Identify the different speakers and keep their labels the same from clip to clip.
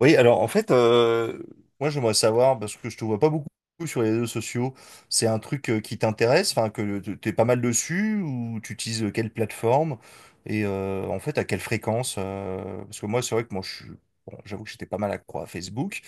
Speaker 1: Oui, alors en fait, moi j'aimerais savoir, parce que je te vois pas beaucoup sur les réseaux sociaux, c'est un truc qui t'intéresse, enfin t'es pas mal dessus, ou tu utilises quelle plateforme, et en fait à quelle fréquence, parce que moi c'est vrai que moi je suis, bon, j'avoue que j'étais pas mal accro à Facebook,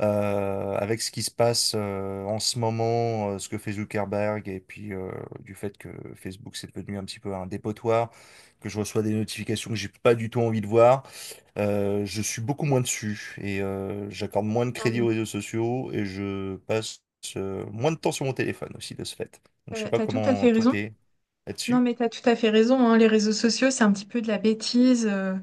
Speaker 1: avec ce qui se passe en ce moment, ce que fait Zuckerberg, et puis du fait que Facebook c'est devenu un petit peu un dépotoir, que je reçois des notifications que j'ai pas du tout envie de voir. Je suis beaucoup moins dessus et j'accorde moins de
Speaker 2: Non,
Speaker 1: crédit
Speaker 2: mais
Speaker 1: aux réseaux sociaux et je passe moins de temps sur mon téléphone aussi de ce fait. Donc je sais
Speaker 2: t'as
Speaker 1: pas
Speaker 2: t'as tout à
Speaker 1: comment
Speaker 2: fait
Speaker 1: toi
Speaker 2: raison.
Speaker 1: t'es
Speaker 2: Non,
Speaker 1: là-dessus.
Speaker 2: mais t'as tout à fait raison, hein. Les réseaux sociaux, c'est un petit peu de la bêtise euh,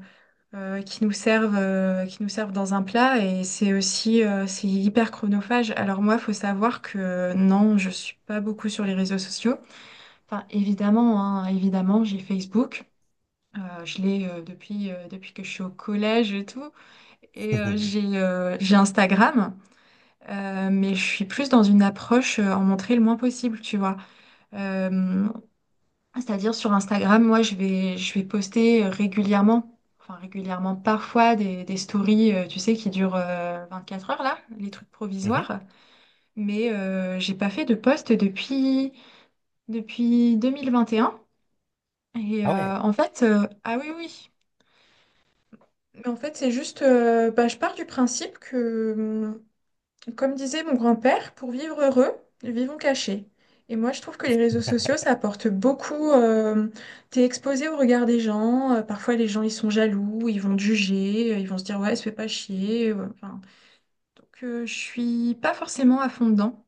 Speaker 2: euh, qui nous servent, dans un plat et c'est aussi c'est hyper chronophage. Alors moi, faut savoir que non, je suis pas beaucoup sur les réseaux sociaux. Enfin, évidemment, hein, évidemment, j'ai Facebook. Je l'ai depuis que je suis au collège et tout. Et
Speaker 1: Mhm.
Speaker 2: j'ai Instagram, mais je suis plus dans une approche en montrer le moins possible, tu vois. Euh, C'est-à-dire sur Instagram, moi, je vais poster régulièrement, enfin régulièrement, parfois des stories, tu sais, qui durent 24 heures, là, les trucs provisoires. Mais j'ai pas fait de post depuis 2021. Et un. Et
Speaker 1: Ah ouais.
Speaker 2: en fait, ah oui, oui. Mais en fait, c'est juste, bah, je pars du principe que, comme disait mon grand-père, pour vivre heureux, vivons cachés. Et moi, je trouve que les réseaux sociaux, ça apporte beaucoup. T'es exposé au regard des gens. Parfois, les gens, ils sont jaloux, ils vont te juger, ils vont se dire, ouais, se fais pas chier. Ouais, enfin. Donc, je suis pas forcément à fond dedans.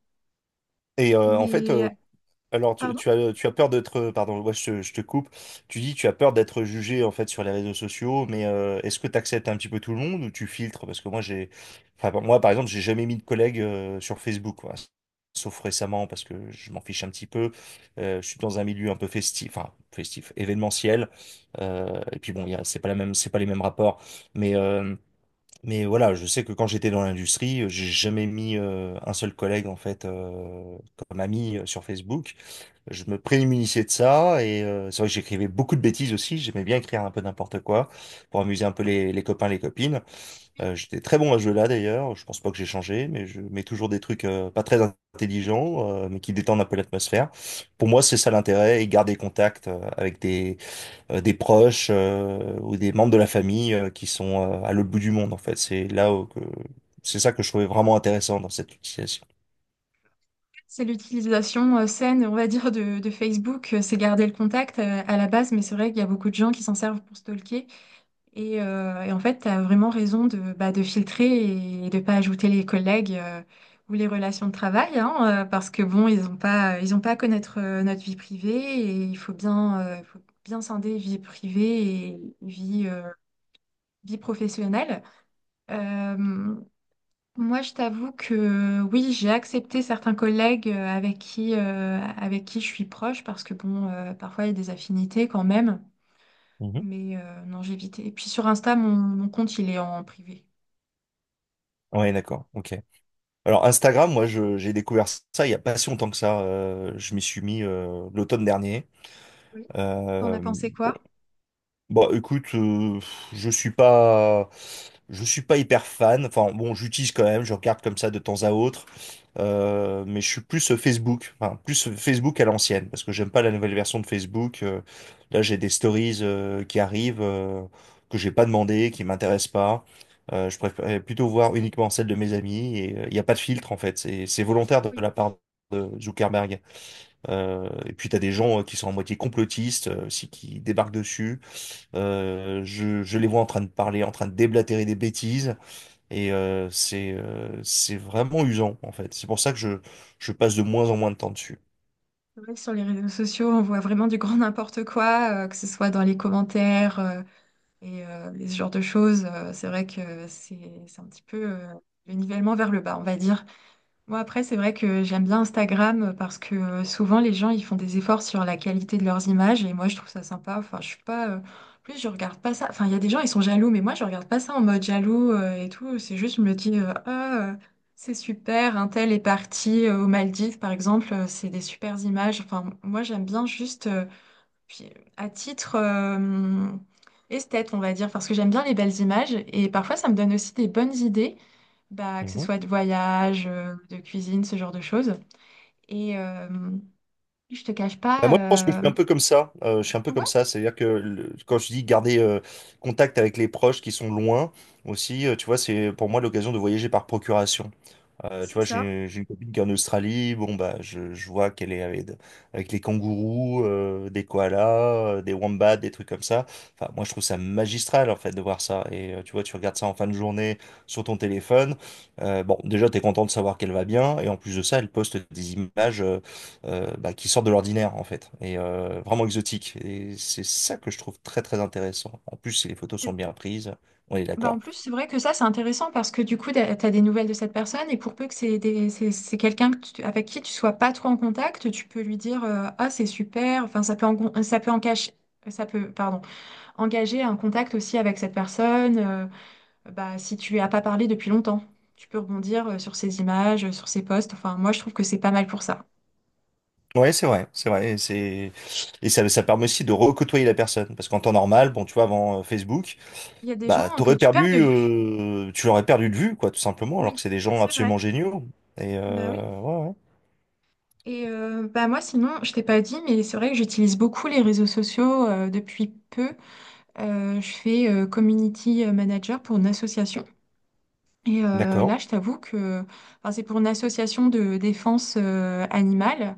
Speaker 1: Et en fait,
Speaker 2: Mais,
Speaker 1: alors,
Speaker 2: pardon,
Speaker 1: tu as peur d'être, pardon, ouais, je te coupe. Tu dis, tu as peur d'être jugé en fait sur les réseaux sociaux, mais est-ce que tu acceptes un petit peu tout le monde ou tu filtres? Parce que moi, j'ai, enfin, bon, moi, par exemple, j'ai jamais mis de collègues sur Facebook, quoi. Sauf récemment, parce que je m'en fiche un petit peu. Je suis dans un milieu un peu festif, enfin festif, événementiel. Et puis bon, c'est pas la même, c'est pas les mêmes rapports, mais euh, mais voilà, je sais que quand j'étais dans l'industrie, j'ai jamais mis un seul collègue en fait comme ami sur Facebook. Je me prémunissais de ça et c'est vrai que j'écrivais beaucoup de bêtises aussi. J'aimais bien écrire un peu n'importe quoi pour amuser un peu les copains, les copines. J'étais très bon à ce jeu-là d'ailleurs. Je pense pas que j'ai changé, mais je mets toujours des trucs pas très intelligents, mais qui détendent un peu l'atmosphère. Pour moi, c'est ça l'intérêt et garder contact avec des proches ou des membres de la famille qui sont à l'autre bout du monde en fait. C'est là où que c'est ça que je trouvais vraiment intéressant dans cette utilisation.
Speaker 2: c'est l'utilisation saine, on va dire, de, Facebook. C'est garder le contact à la base, mais c'est vrai qu'il y a beaucoup de gens qui s'en servent pour stalker. Et en fait, tu as vraiment raison de, de filtrer et de pas ajouter les collègues ou les relations de travail, hein, parce que bon, ils ont pas à connaître notre vie privée et faut bien scinder vie privée et vie professionnelle. Euh, Moi, je t'avoue que oui, j'ai accepté certains collègues avec qui je suis proche, parce que bon, parfois il y a des affinités quand même.
Speaker 1: Mhm.
Speaker 2: Mais non, j'ai évité. Et puis sur Insta, mon compte, il est en privé.
Speaker 1: Ouais, d'accord. Ok. Alors Instagram, moi j'ai découvert ça il y a pas si longtemps que ça. Je m'y suis mis l'automne dernier.
Speaker 2: Oui, t'en as
Speaker 1: Euh,
Speaker 2: pensé
Speaker 1: bon,
Speaker 2: quoi?
Speaker 1: bah écoute, je suis pas, je suis pas hyper fan. Enfin bon, j'utilise quand même, je regarde comme ça de temps à autre. Mais je suis plus Facebook, enfin plus Facebook à l'ancienne, parce que j'aime pas la nouvelle version de Facebook. Là, j'ai des stories qui arrivent que j'ai pas demandé, qui m'intéressent pas. Je préfère plutôt voir uniquement celles de mes amis et il n'y a pas de filtre en fait. C'est volontaire de
Speaker 2: Oui.
Speaker 1: la part de Zuckerberg. Et puis t'as des gens qui sont à moitié complotistes, aussi, qui débarquent dessus. Je les vois en train de parler, en train de déblatérer des bêtises, et c'est vraiment usant en fait. C'est pour ça que je passe de moins en moins de temps dessus.
Speaker 2: C'est vrai que sur les réseaux sociaux, on voit vraiment du grand n'importe quoi, que ce soit dans les commentaires ce genre de choses. C'est vrai que c'est un petit peu le nivellement vers le bas, on va dire. Moi, après, c'est vrai que j'aime bien Instagram parce que souvent les gens ils font des efforts sur la qualité de leurs images et moi je trouve ça sympa. Enfin, je suis pas. En plus je regarde pas ça. Enfin, il y a des gens ils sont jaloux, mais moi je regarde pas ça en mode jaloux et tout. C'est juste, je me dis, c'est super, un tel est parti aux Maldives par exemple, c'est des supers images. Enfin, moi j'aime bien juste. Puis, à titre esthète, on va dire, parce que j'aime bien les belles images et parfois ça me donne aussi des bonnes idées, bah, que ce
Speaker 1: Mhm.
Speaker 2: soit de voyage, de cuisine, ce genre de choses. Et je te cache
Speaker 1: Bah, moi, je pense que je
Speaker 2: pas,
Speaker 1: suis un peu comme ça. Je suis un peu comme
Speaker 2: ouais,
Speaker 1: ça, c'est-à-dire que quand je dis garder contact avec les proches qui sont loin aussi, tu vois, c'est pour moi l'occasion de voyager par procuration. Tu
Speaker 2: c'est
Speaker 1: vois,
Speaker 2: ça.
Speaker 1: j'ai une copine qui est en Australie. Bon, bah, je vois qu'elle est avec les kangourous, des koalas, des wombats, des trucs comme ça. Enfin, moi, je trouve ça magistral, en fait, de voir ça. Et tu vois, tu regardes ça en fin de journée sur ton téléphone. Bon, déjà, t'es content de savoir qu'elle va bien. Et en plus de ça, elle poste des images bah, qui sortent de l'ordinaire, en fait. Et vraiment exotiques. Et c'est ça que je trouve très, très intéressant. En plus, si les photos sont bien prises, on est
Speaker 2: Bah, en
Speaker 1: d'accord.
Speaker 2: plus, c'est vrai que ça, c'est intéressant parce que du coup, tu as des nouvelles de cette personne et pour peu que c'est quelqu'un que avec qui tu sois pas trop en contact, tu peux lui dire Ah, c'est super, enfin, ça peut en cacher, ça peut, pardon. Engager un contact aussi avec cette personne, bah, si tu as pas parlé depuis longtemps. Tu peux rebondir sur ses images, sur ses posts. Enfin, moi, je trouve que c'est pas mal pour ça.
Speaker 1: Ouais, c'est vrai, et ça permet aussi de recôtoyer la personne, parce qu'en temps
Speaker 2: Oui,
Speaker 1: normal, bon, tu vois, avant Facebook,
Speaker 2: il y a des
Speaker 1: bah,
Speaker 2: gens que tu perds de vue.
Speaker 1: tu l'aurais perdu de vue, quoi, tout simplement, alors que
Speaker 2: Oui,
Speaker 1: c'est des gens
Speaker 2: c'est vrai.
Speaker 1: absolument géniaux. Et
Speaker 2: Bah oui.
Speaker 1: ouais, ouais.
Speaker 2: Et bah moi, sinon, je t'ai pas dit, mais c'est vrai que j'utilise beaucoup les réseaux sociaux depuis peu. Je fais community manager pour une association. Et
Speaker 1: D'accord.
Speaker 2: là, je t'avoue que enfin, c'est pour une association de défense animale.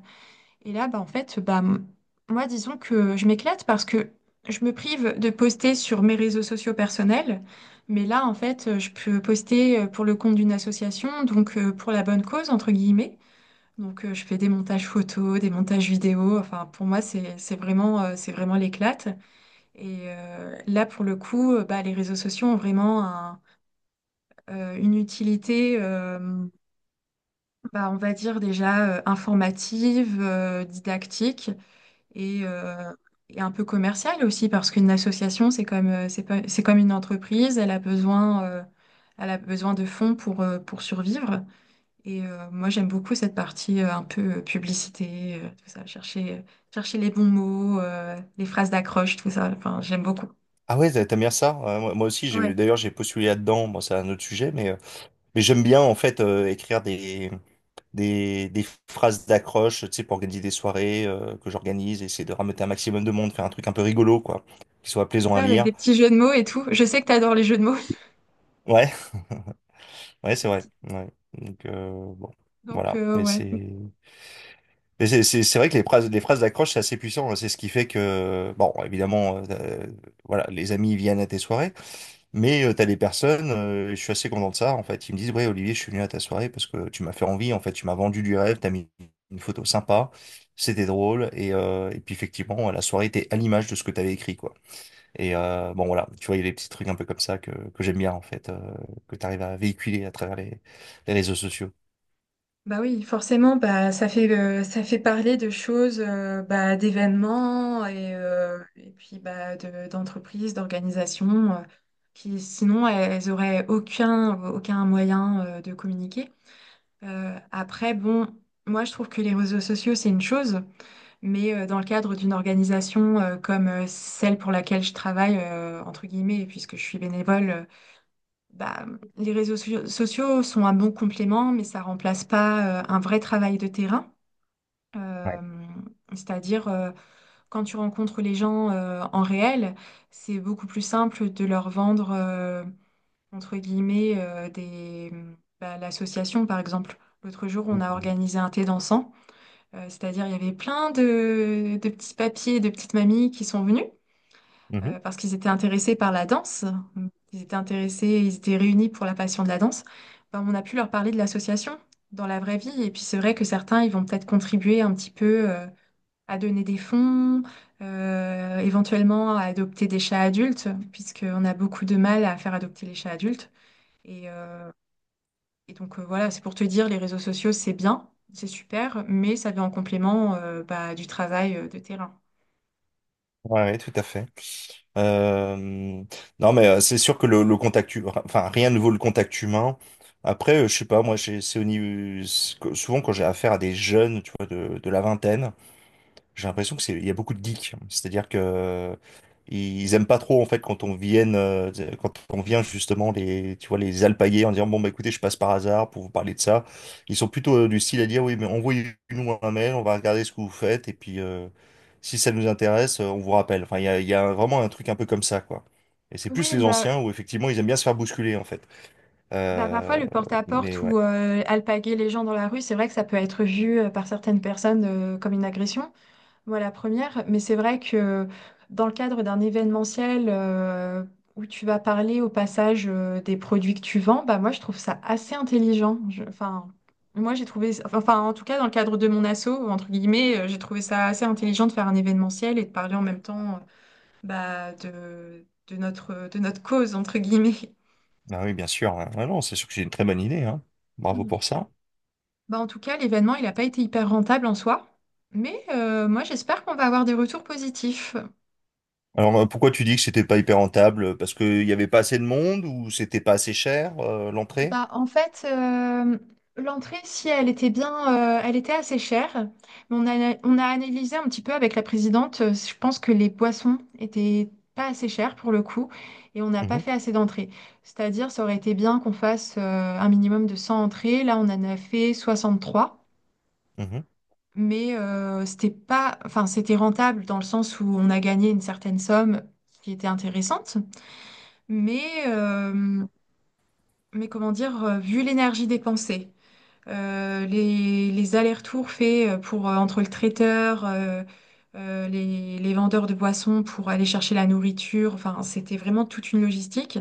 Speaker 2: Et là, bah, en fait, bah, moi, disons que je m'éclate parce que je me prive de poster sur mes réseaux sociaux personnels. Mais là, en fait, je peux poster pour le compte d'une association, donc pour la bonne cause, entre guillemets. Donc, je fais des montages photos, des montages vidéos. Enfin, pour moi, c'est vraiment l'éclate. Et là, pour le coup, bah, les réseaux sociaux ont vraiment une utilité, bah, on va dire déjà informative, didactique et, euh, et un peu commercial aussi parce qu'une association c'est comme c'est pas- c'est comme une entreprise. Elle a besoin de fonds pour survivre et moi j'aime beaucoup cette partie un peu publicité, tout ça, chercher chercher les bons mots, les phrases d'accroche, tout ça, enfin j'aime beaucoup.
Speaker 1: Ah ouais, t'aimes bien ça. Ouais, moi, moi aussi,
Speaker 2: Ouais,
Speaker 1: j'ai d'ailleurs j'ai postulé là-dedans. Bon, c'est un autre sujet, mais j'aime bien en fait écrire des phrases d'accroche, tu sais, pour organiser des soirées que j'organise, essayer de ramener un maximum de monde, faire un truc un peu rigolo, quoi, qui soit
Speaker 2: c'est
Speaker 1: plaisant à
Speaker 2: ça, avec
Speaker 1: lire.
Speaker 2: des petits jeux de mots et tout, je sais que t'adores les jeux de mots.
Speaker 1: Ouais. Ouais, c'est
Speaker 2: Les
Speaker 1: vrai.
Speaker 2: petits-
Speaker 1: Ouais. Donc, bon,
Speaker 2: donc
Speaker 1: voilà. Mais
Speaker 2: ouais.
Speaker 1: c'est, mais c'est, c'est c'est vrai que les phrases d'accroche, c'est assez puissant, hein. C'est ce qui fait que, bon, évidemment, voilà, les amis viennent à tes soirées, mais t'as des personnes, je suis assez content de ça, en fait. Ils me disent, ouais, Olivier, je suis venu à ta soirée parce que tu m'as fait envie, en fait, tu m'as vendu du rêve, t'as mis une photo sympa, c'était drôle, et puis effectivement, la soirée était à l'image de ce que t'avais écrit, quoi. Et bon, voilà, tu vois, il y a des petits trucs un peu comme ça que j'aime bien, en fait, que tu arrives à véhiculer à travers les réseaux sociaux.
Speaker 2: Bah oui, forcément, bah ça fait parler de choses, bah, d'événements et puis bah d'entreprises, d'organisations qui sinon elles auraient aucun moyen de communiquer. Après, bon, moi je trouve que les réseaux sociaux c'est une chose, mais dans le cadre d'une organisation comme celle pour laquelle je travaille entre guillemets, puisque je suis bénévole, bah, les sociaux sont un bon complément, mais ça remplace pas un vrai travail de terrain.
Speaker 1: Ouais.
Speaker 2: Euh, C'est-à-dire, quand tu rencontres les gens en réel, c'est beaucoup plus simple de leur vendre, entre guillemets, l'association, par exemple. L'autre jour, on a
Speaker 1: Mhm.
Speaker 2: organisé un thé dansant. C'est-à-dire il y avait plein de petits papiers, de petites mamies qui sont venues
Speaker 1: Mhm.
Speaker 2: parce qu'ils étaient intéressés par la danse. Ils étaient réunis pour la passion de la danse. Ben, on a pu leur parler de l'association dans la vraie vie. Et puis c'est vrai que certains, ils vont peut-être contribuer un petit peu à donner des fonds, éventuellement à adopter des chats adultes, puisqu'on a beaucoup de mal à faire adopter les chats adultes. Et, euh, et donc voilà, c'est pour te dire, les réseaux sociaux, c'est bien, c'est super, mais ça vient en complément bah, du travail de terrain.
Speaker 1: Ouais, ouais, tout à fait. Euh, non, mais c'est sûr que le contact, enfin, rien ne vaut le contact humain. Après, je sais pas, moi, souvent quand j'ai affaire à des jeunes, tu vois, de la vingtaine. J'ai l'impression que il y a beaucoup de geeks. C'est-à-dire que ils aiment pas trop en fait quand on vienne, quand on vient justement les, tu vois, les alpaguer en disant bon bah écoutez, je passe par hasard pour vous parler de ça. Ils sont plutôt du style à dire oui mais envoyez-nous un mail, on va regarder ce que vous faites et puis si ça nous intéresse, on vous rappelle. Enfin il y a vraiment un truc un peu comme ça quoi. Et c'est plus
Speaker 2: Oui,
Speaker 1: les
Speaker 2: bah.
Speaker 1: anciens où effectivement ils aiment bien se faire bousculer en fait.
Speaker 2: Bah, parfois,
Speaker 1: Euh,
Speaker 2: le
Speaker 1: mais
Speaker 2: porte-à-porte
Speaker 1: ouais,
Speaker 2: ou alpaguer les gens dans la rue, c'est vrai que ça peut être vu par certaines personnes comme une agression. Moi, la première, mais c'est vrai que dans le cadre d'un événementiel où tu vas parler au passage des produits que tu vends, bah, moi, je trouve ça assez intelligent. Enfin, moi, j'ai trouvé, enfin, en tout cas, dans le cadre de mon asso, entre guillemets, j'ai trouvé ça assez intelligent de faire un événementiel et de parler en même temps bah, de notre cause, entre guillemets.
Speaker 1: ah oui bien sûr, hein. Ah non, c'est sûr que j'ai une très bonne idée, hein. Bravo pour ça.
Speaker 2: Bah, en tout cas, l'événement, il n'a pas été hyper rentable en soi, mais moi, j'espère qu'on va avoir des retours positifs.
Speaker 1: Alors, pourquoi tu dis que c'était pas hyper rentable? Parce qu'il n'y avait pas assez de monde ou c'était pas assez cher, l'entrée?
Speaker 2: Bah, en fait, l'entrée, si elle était bien, elle était assez chère, mais on a analysé un petit peu avec la présidente. Je pense que les boissons étaient pas assez chères pour le coup, et on n'a pas
Speaker 1: Mhm,
Speaker 2: fait assez d'entrées. C'est-à-dire, ça aurait été bien qu'on fasse un minimum de 100 entrées. Là, on en a fait 63.
Speaker 1: mhm.
Speaker 2: Mais c'était pas, enfin, c'était rentable dans le sens où on a gagné une certaine somme qui était intéressante, mais, euh, comment dire, vu l'énergie dépensée, les allers-retours faits pour entre le traiteur, les vendeurs de boissons pour aller chercher la nourriture, enfin, c'était vraiment toute une logistique.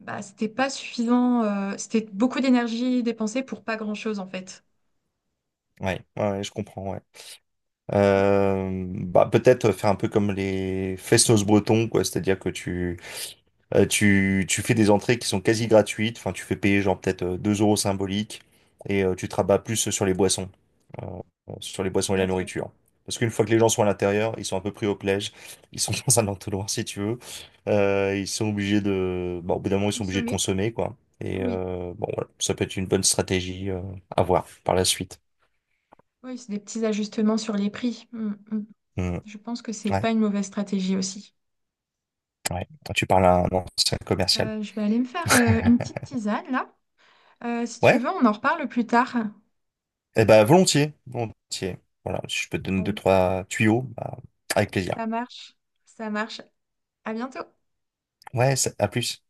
Speaker 2: Bah, c'était pas suffisant, c'était beaucoup d'énergie dépensée pour pas grand-chose en fait.
Speaker 1: Ouais, ouais, ouais, je comprends, ouais. Bah, peut-être faire un peu comme les festos bretons, quoi. C'est-à-dire que tu, tu fais des entrées qui sont quasi gratuites, enfin tu fais payer genre peut-être 2 euros symboliques et tu te rabats plus euh, sur les boissons et la
Speaker 2: Peut-être, oui.
Speaker 1: nourriture. Parce qu'une fois que les gens sont à l'intérieur, ils sont un peu pris au piège, ils sont dans un entonnoir si tu veux. Ils sont obligés de, bah, au bout d'un moment ils sont obligés de
Speaker 2: Consommer,
Speaker 1: consommer quoi. Et
Speaker 2: oui.
Speaker 1: bon voilà, ça peut être une bonne stratégie à voir par la suite.
Speaker 2: Oui, c'est des petits ajustements sur les prix. Mm, mm.
Speaker 1: Hmm.
Speaker 2: Je pense que c'est
Speaker 1: Ouais,
Speaker 2: pas une mauvaise stratégie aussi.
Speaker 1: ouais. Quand tu parles à un ancien commercial.
Speaker 2: Je vais aller me faire une petite tisane là. Si tu
Speaker 1: Ouais.
Speaker 2: veux, on en reparle plus tard.
Speaker 1: Eh ben, volontiers, volontiers. Voilà, si je peux te donner deux,
Speaker 2: Allez.
Speaker 1: trois tuyaux, bah, avec plaisir.
Speaker 2: Ça marche. Ça marche. À bientôt.
Speaker 1: Ouais, ça- à plus.